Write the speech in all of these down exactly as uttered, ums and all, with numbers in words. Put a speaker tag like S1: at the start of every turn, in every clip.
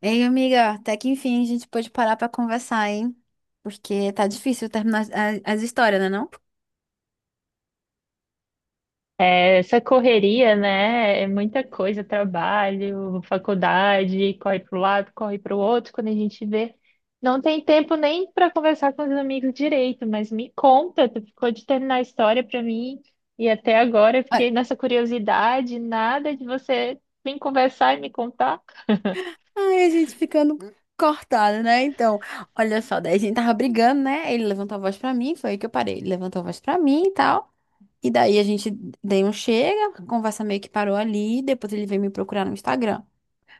S1: Ei, amiga, até que enfim a gente pôde parar pra conversar, hein? Porque tá difícil terminar as, as- as histórias, né não?
S2: Essa correria, né? É muita coisa, trabalho, faculdade, corre para um lado, corre para o outro. Quando a gente vê, não tem tempo nem para conversar com os amigos direito. Mas me conta, tu ficou de terminar a história para mim e até agora eu
S1: Ai,
S2: fiquei nessa curiosidade, nada de você vir conversar e me contar.
S1: ai, a gente ficando cortada, né? Então, olha só, daí a gente tava brigando, né? Ele levantou a voz pra mim, foi aí que eu parei. Ele levantou a voz pra mim e tal. E daí a gente deu um chega, a conversa meio que parou ali, depois ele veio me procurar no Instagram.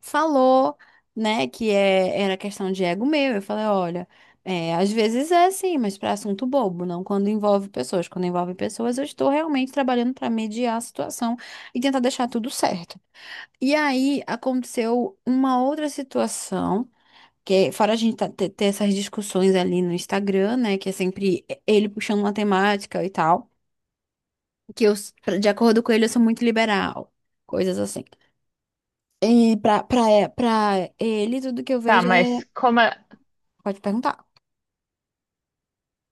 S1: Falou, né, que é, era questão de ego meu. Eu falei, olha, é, às vezes é assim, mas para assunto bobo, não quando envolve pessoas. Quando envolve pessoas, eu estou realmente trabalhando para mediar a situação e tentar deixar tudo certo. E aí aconteceu uma outra situação. Que, é, fora a gente tá- ter ter essas discussões ali no Instagram, né? Que é sempre ele puxando uma temática e tal. Que eu, de acordo com ele, eu sou muito liberal. Coisas assim. E pra, pra, é- pra ele, tudo que eu
S2: Tá,
S1: vejo
S2: mas
S1: é.
S2: como?
S1: Pode perguntar.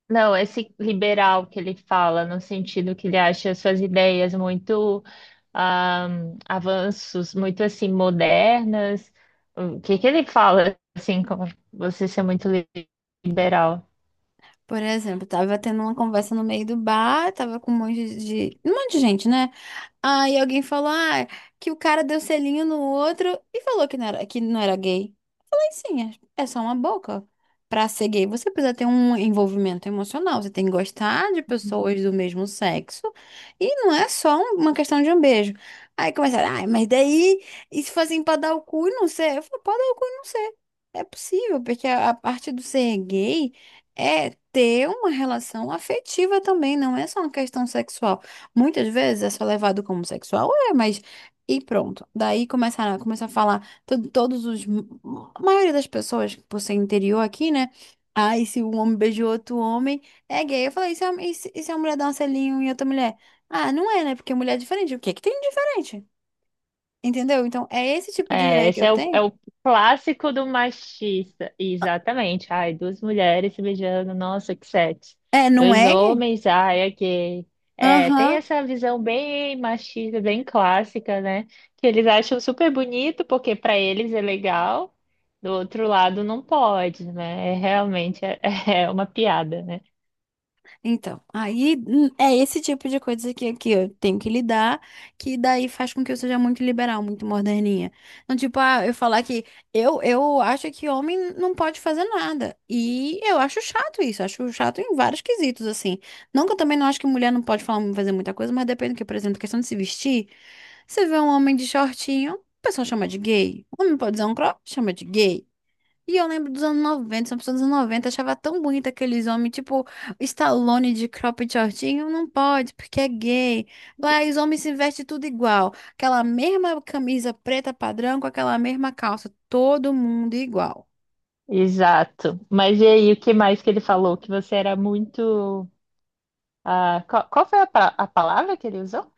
S2: Não, esse liberal que ele fala, no sentido que ele acha suas ideias muito ah, avanços, muito assim, modernas. O que que ele fala, assim, como você ser muito li- liberal?
S1: Por exemplo, tava tendo uma conversa no meio do bar, tava com um monte de. Um monte de gente, né? Aí alguém falou, ah, que o cara deu selinho no outro e falou que não era, que não era gay. Falei sim. É é só uma boca. Pra ser gay, você precisa ter um envolvimento emocional. Você tem que gostar de pessoas do mesmo sexo. E não é só um- uma questão de um beijo. Aí começaram, ai, mas daí, e se for assim pra dar o cu e não ser? Eu falo, pode dar o cu e não ser. É possível, porque a, a parte do ser gay é ter uma relação afetiva também, não é só uma questão sexual. Muitas vezes é só levado como sexual, é, mas. E pronto. Daí começaram, começou a falar to- todos os. A maioria das pessoas, por ser interior aqui, né? Ai, se um homem beijou outro homem, é gay. Eu falei, e se a, e se, e se a mulher dá um selinho em outra mulher? Ah, não é, né? Porque mulher é diferente. O que que tem de diferente? Entendeu? Então, é esse tipo de
S2: É,
S1: ideia que
S2: esse
S1: eu
S2: é o, é
S1: tenho.
S2: o clássico do machista. Exatamente. Ai, duas mulheres se beijando, nossa, que sexo.
S1: É, não
S2: Dois
S1: é gay?
S2: homens, ai, é gay. É, tem
S1: Aham.
S2: essa visão bem machista, bem clássica, né? Que eles acham super bonito, porque para eles é legal, do outro lado não pode, né? É realmente é, é uma piada, né?
S1: Então, aí hum, é esse tipo de coisa que, que eu tenho que lidar, que daí faz com que eu seja muito liberal, muito moderninha. Então, tipo, ah, eu falar que eu, eu acho que homem não pode fazer nada. E eu acho chato isso, acho chato em vários quesitos, assim. Não que eu também não acho que mulher não pode falar, fazer muita coisa, mas depende do que, por exemplo, questão de se vestir. Você vê um homem de shortinho, o pessoal chama de gay. O homem pode usar um crop, chama de gay. E eu lembro dos anos noventa, são pessoas dos anos noventa achava tão bonito aqueles homens, tipo Stallone de cropped shortinho, não pode, porque é gay. Lá os homens se vestem tudo igual, aquela mesma camisa preta padrão com aquela mesma calça, todo mundo igual.
S2: Exato. Mas e aí, o que mais que ele falou? Que você era muito. Ah, qual, qual foi a, pa- a palavra que ele usou?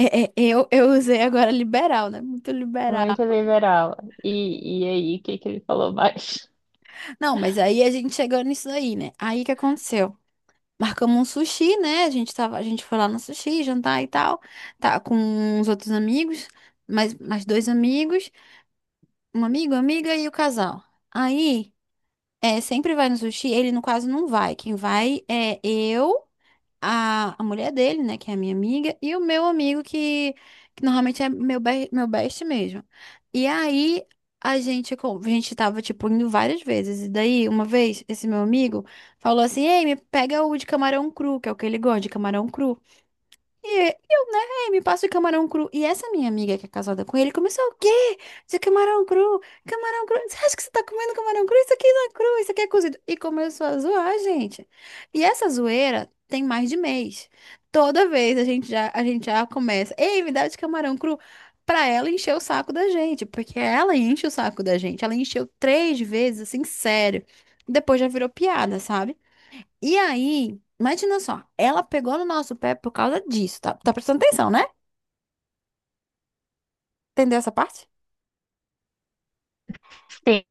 S1: É, é, eu, eu usei agora liberal, né? Muito liberal.
S2: Muito liberal. E, e aí, o que que ele falou mais?
S1: Não, mas aí a gente chegou nisso aí, né? Aí que aconteceu? Marcamos um sushi, né? A gente tava, a gente foi lá no sushi, jantar e tal, tá com uns outros amigos, mais, mais dois amigos. Um amigo, amiga e o casal. Aí, é, sempre vai no sushi, ele no caso não vai. Quem vai é eu, a, a mulher dele, né, que é a minha amiga, e o meu amigo, que, que normalmente é meu, be- meu best mesmo. E aí, a gente, co- a gente tava, tipo, indo várias vezes. E daí, uma vez, esse meu amigo falou assim: Ei, me pega o de camarão cru, que é o que ele gosta, de camarão cru. E eu, né, "Ei, me passa o camarão cru. E essa minha amiga que é casada com ele começou o quê? Isso é camarão cru, camarão cru. Você acha que você tá comendo camarão cru? Isso aqui não é cru, isso aqui é cozido. E começou a zoar, gente. E essa zoeira tem mais de mês. Toda vez a gente já, a gente já começa, ei, me dá de camarão cru. Pra ela encher o saco da gente, porque ela enche o saco da gente. Ela encheu três vezes, assim, sério. Depois já virou piada, sabe? E aí, imagina só, ela pegou no nosso pé por causa disso, tá? Tá prestando atenção, né? Entendeu essa parte?
S2: Sim,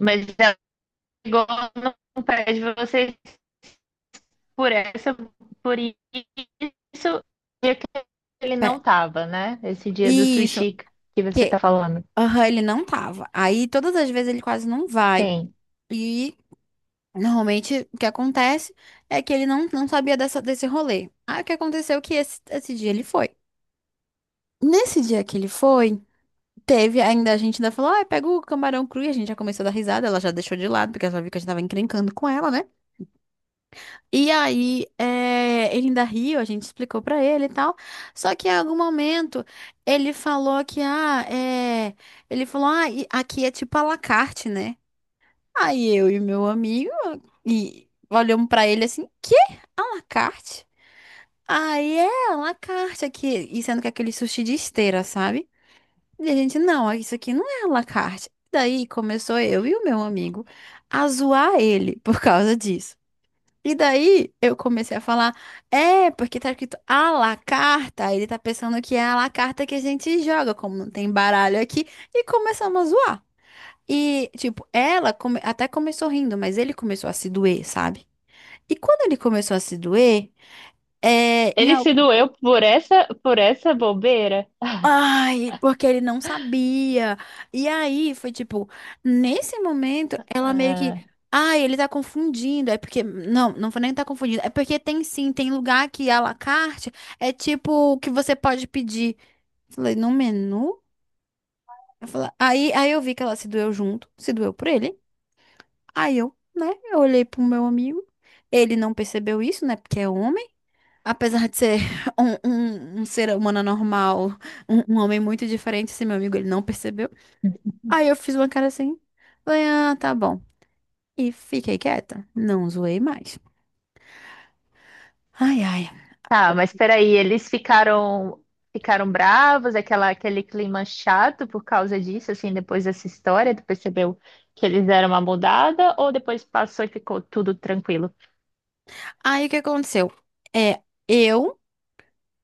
S2: mas ela chegou no pé de vocês por essa, por isso, dia que ele
S1: Pé.
S2: não tava, né? Esse dia do
S1: Isso,
S2: sushi que você
S1: que
S2: tá falando.
S1: aham, ele não tava. Aí todas as vezes ele quase não vai.
S2: Sim.
S1: E normalmente o que acontece é que ele não, não sabia dessa, desse rolê. Aí o que aconteceu é que esse, esse dia ele foi. Nesse dia que ele foi, teve ainda a gente ainda falou, ah, pega o camarão cru e a gente já começou a dar risada, ela já deixou de lado, porque ela já viu que a gente tava encrencando com ela, né? E aí, eh, ele ainda riu, a gente explicou pra ele e tal. Só que em algum momento ele falou que, ah, é. Ele falou, ah, e aqui é tipo à la carte, né? Aí eu e meu amigo e olhamos pra ele assim, que à la carte? Aí é à la carte aqui. E sendo que é aquele sushi de esteira, sabe? E a gente, não, isso aqui não é à la carte. Daí começou eu e o meu amigo a zoar ele por causa disso. E daí eu comecei a falar, é, porque tá escrito à la carta, aí ele tá pensando que é à la carta que a gente joga, como não tem baralho aqui, e começamos a zoar. E, tipo, ela come- até começou rindo, mas ele começou a se doer, sabe? E quando ele começou a se doer, é.
S2: Ele se doeu por essa, por essa bobeira?
S1: Ai, porque ele não sabia. E aí foi tipo, nesse momento, ela meio que. Ai, ele tá confundindo. É porque. Não, não foi nem que tá confundindo. É porque tem sim, tem lugar que à la carte é tipo o que você pode pedir. Falei, no menu? Eu falei, aí, aí eu vi que ela se doeu junto, se doeu por ele. Aí eu, né, eu olhei pro meu amigo. Ele não percebeu isso, né, porque é homem. Apesar de ser um, um um ser humano normal. Um, um homem muito diferente, esse meu amigo, ele não percebeu. Aí eu fiz uma cara assim, falei, ah, tá bom. E fiquei quieta, não zoei mais. Ai, ai.
S2: Tá, mas peraí, eles ficaram ficaram bravos, aquela, aquele clima chato por causa disso, assim, depois dessa história, tu percebeu que eles deram uma mudada, ou depois passou e ficou tudo tranquilo?
S1: Aí o que aconteceu? É, eu,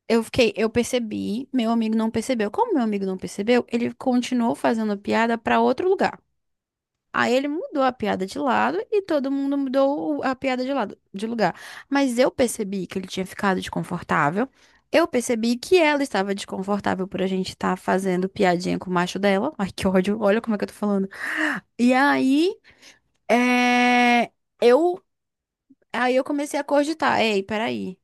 S1: eu fiquei, eu percebi, meu amigo não percebeu. Como meu amigo não percebeu, ele continuou fazendo piada pra outro lugar. Aí ele mudou a piada de lado e todo mundo mudou o- a piada de lado, de lugar. Mas eu percebi que ele tinha ficado desconfortável. Eu percebi que ela estava desconfortável por a gente estar fazendo piadinha com o macho dela. Ai, que ódio. Olha como é que eu tô falando. E aí, é, eu, aí eu comecei a cogitar. Ei, peraí.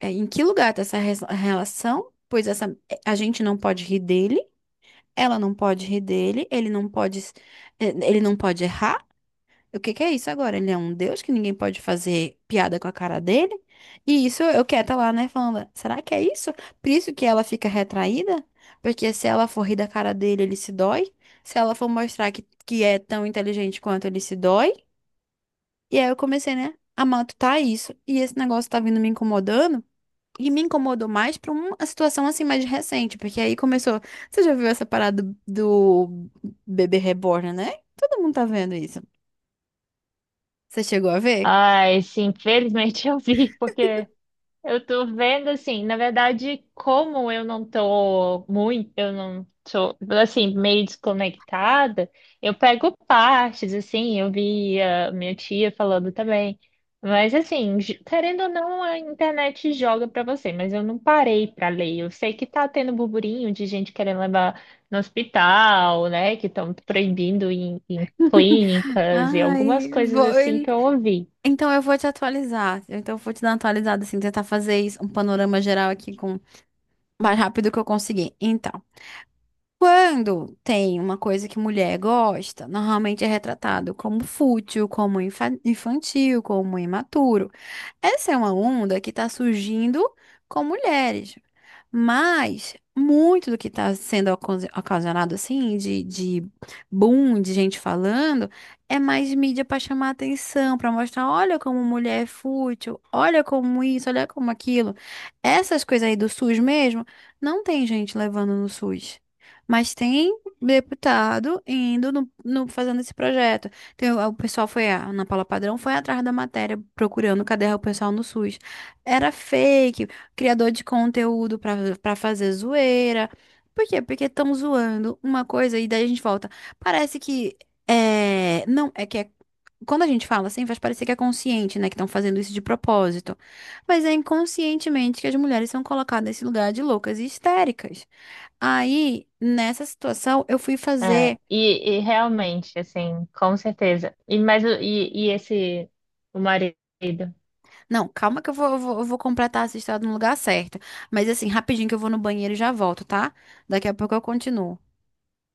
S1: é, Em que lugar tá essa res- relação? Pois essa, a gente não pode rir dele. Ela não pode rir dele. Ele não pode, s- eh, ele não pode errar. O que que é isso agora? Ele é um deus que ninguém pode fazer piada com a cara dele? E isso eu quieta lá, né? Falando, será que é isso? Por isso que ela fica retraída? Porque se ela for rir da cara dele, ele se dói. Se ela for mostrar que, que é tão inteligente quanto ele se dói. E aí eu comecei, né? A matutar isso. E esse negócio tá vindo me incomodando. E me incomodou mais pra uma situação assim mais recente. Porque aí começou. Você já viu essa parada do, do bebê reborn, né? Todo mundo tá vendo isso. Você chegou a ver?
S2: Ai, sim, infelizmente eu vi, porque eu tô vendo assim, na verdade, como eu não tô muito, eu não tô assim, meio desconectada, eu pego partes, assim, eu vi a minha tia falando também. Mas assim, j- querendo ou não, a internet joga pra você, mas eu não parei pra ler. Eu sei que tá tendo burburinho de gente querendo levar no hospital, né? Que estão proibindo em, em clínicas e algumas
S1: Ai,
S2: coisas assim
S1: vou...
S2: que eu ouvi.
S1: Então eu vou te atualizar. Então eu vou te dar uma atualizada, assim, tentar fazer isso, um panorama geral aqui com o mais rápido que eu conseguir. Então. Quando tem uma coisa que mulher gosta, normalmente é retratado como fútil, como infa- infantil, como imaturo. Essa é uma onda que está surgindo com mulheres, mas muito do que está sendo ocasi- ocasionado assim, de, de boom, de gente falando, é mais mídia para chamar atenção, para mostrar, olha como mulher é fútil, olha como isso, olha como aquilo. Essas coisas aí do SUS mesmo, não tem gente levando no SUS. Mas tem deputado indo no, no- fazendo esse projeto. Tem, o o pessoal foi, a Ana Paula Padrão foi atrás da matéria, procurando cadê o pessoal no SUS. Era fake, criador de conteúdo pra para fazer zoeira. Por quê? Porque estão zoando uma coisa e daí a gente volta. Parece que é, não, é que é, quando a gente fala assim, faz parecer que é consciente, né, que estão fazendo isso de propósito. Mas é inconscientemente que as mulheres são colocadas nesse lugar de loucas e histéricas. Aí, nessa situação, eu fui
S2: É,
S1: fazer.
S2: e, e realmente, assim, com certeza. E, mas, o- e, e esse, o marido?
S1: Não, calma que eu vou, eu vou, eu vou completar essa história no lugar certo. Mas assim, rapidinho que eu vou no banheiro e já volto, tá? Daqui a pouco eu continuo.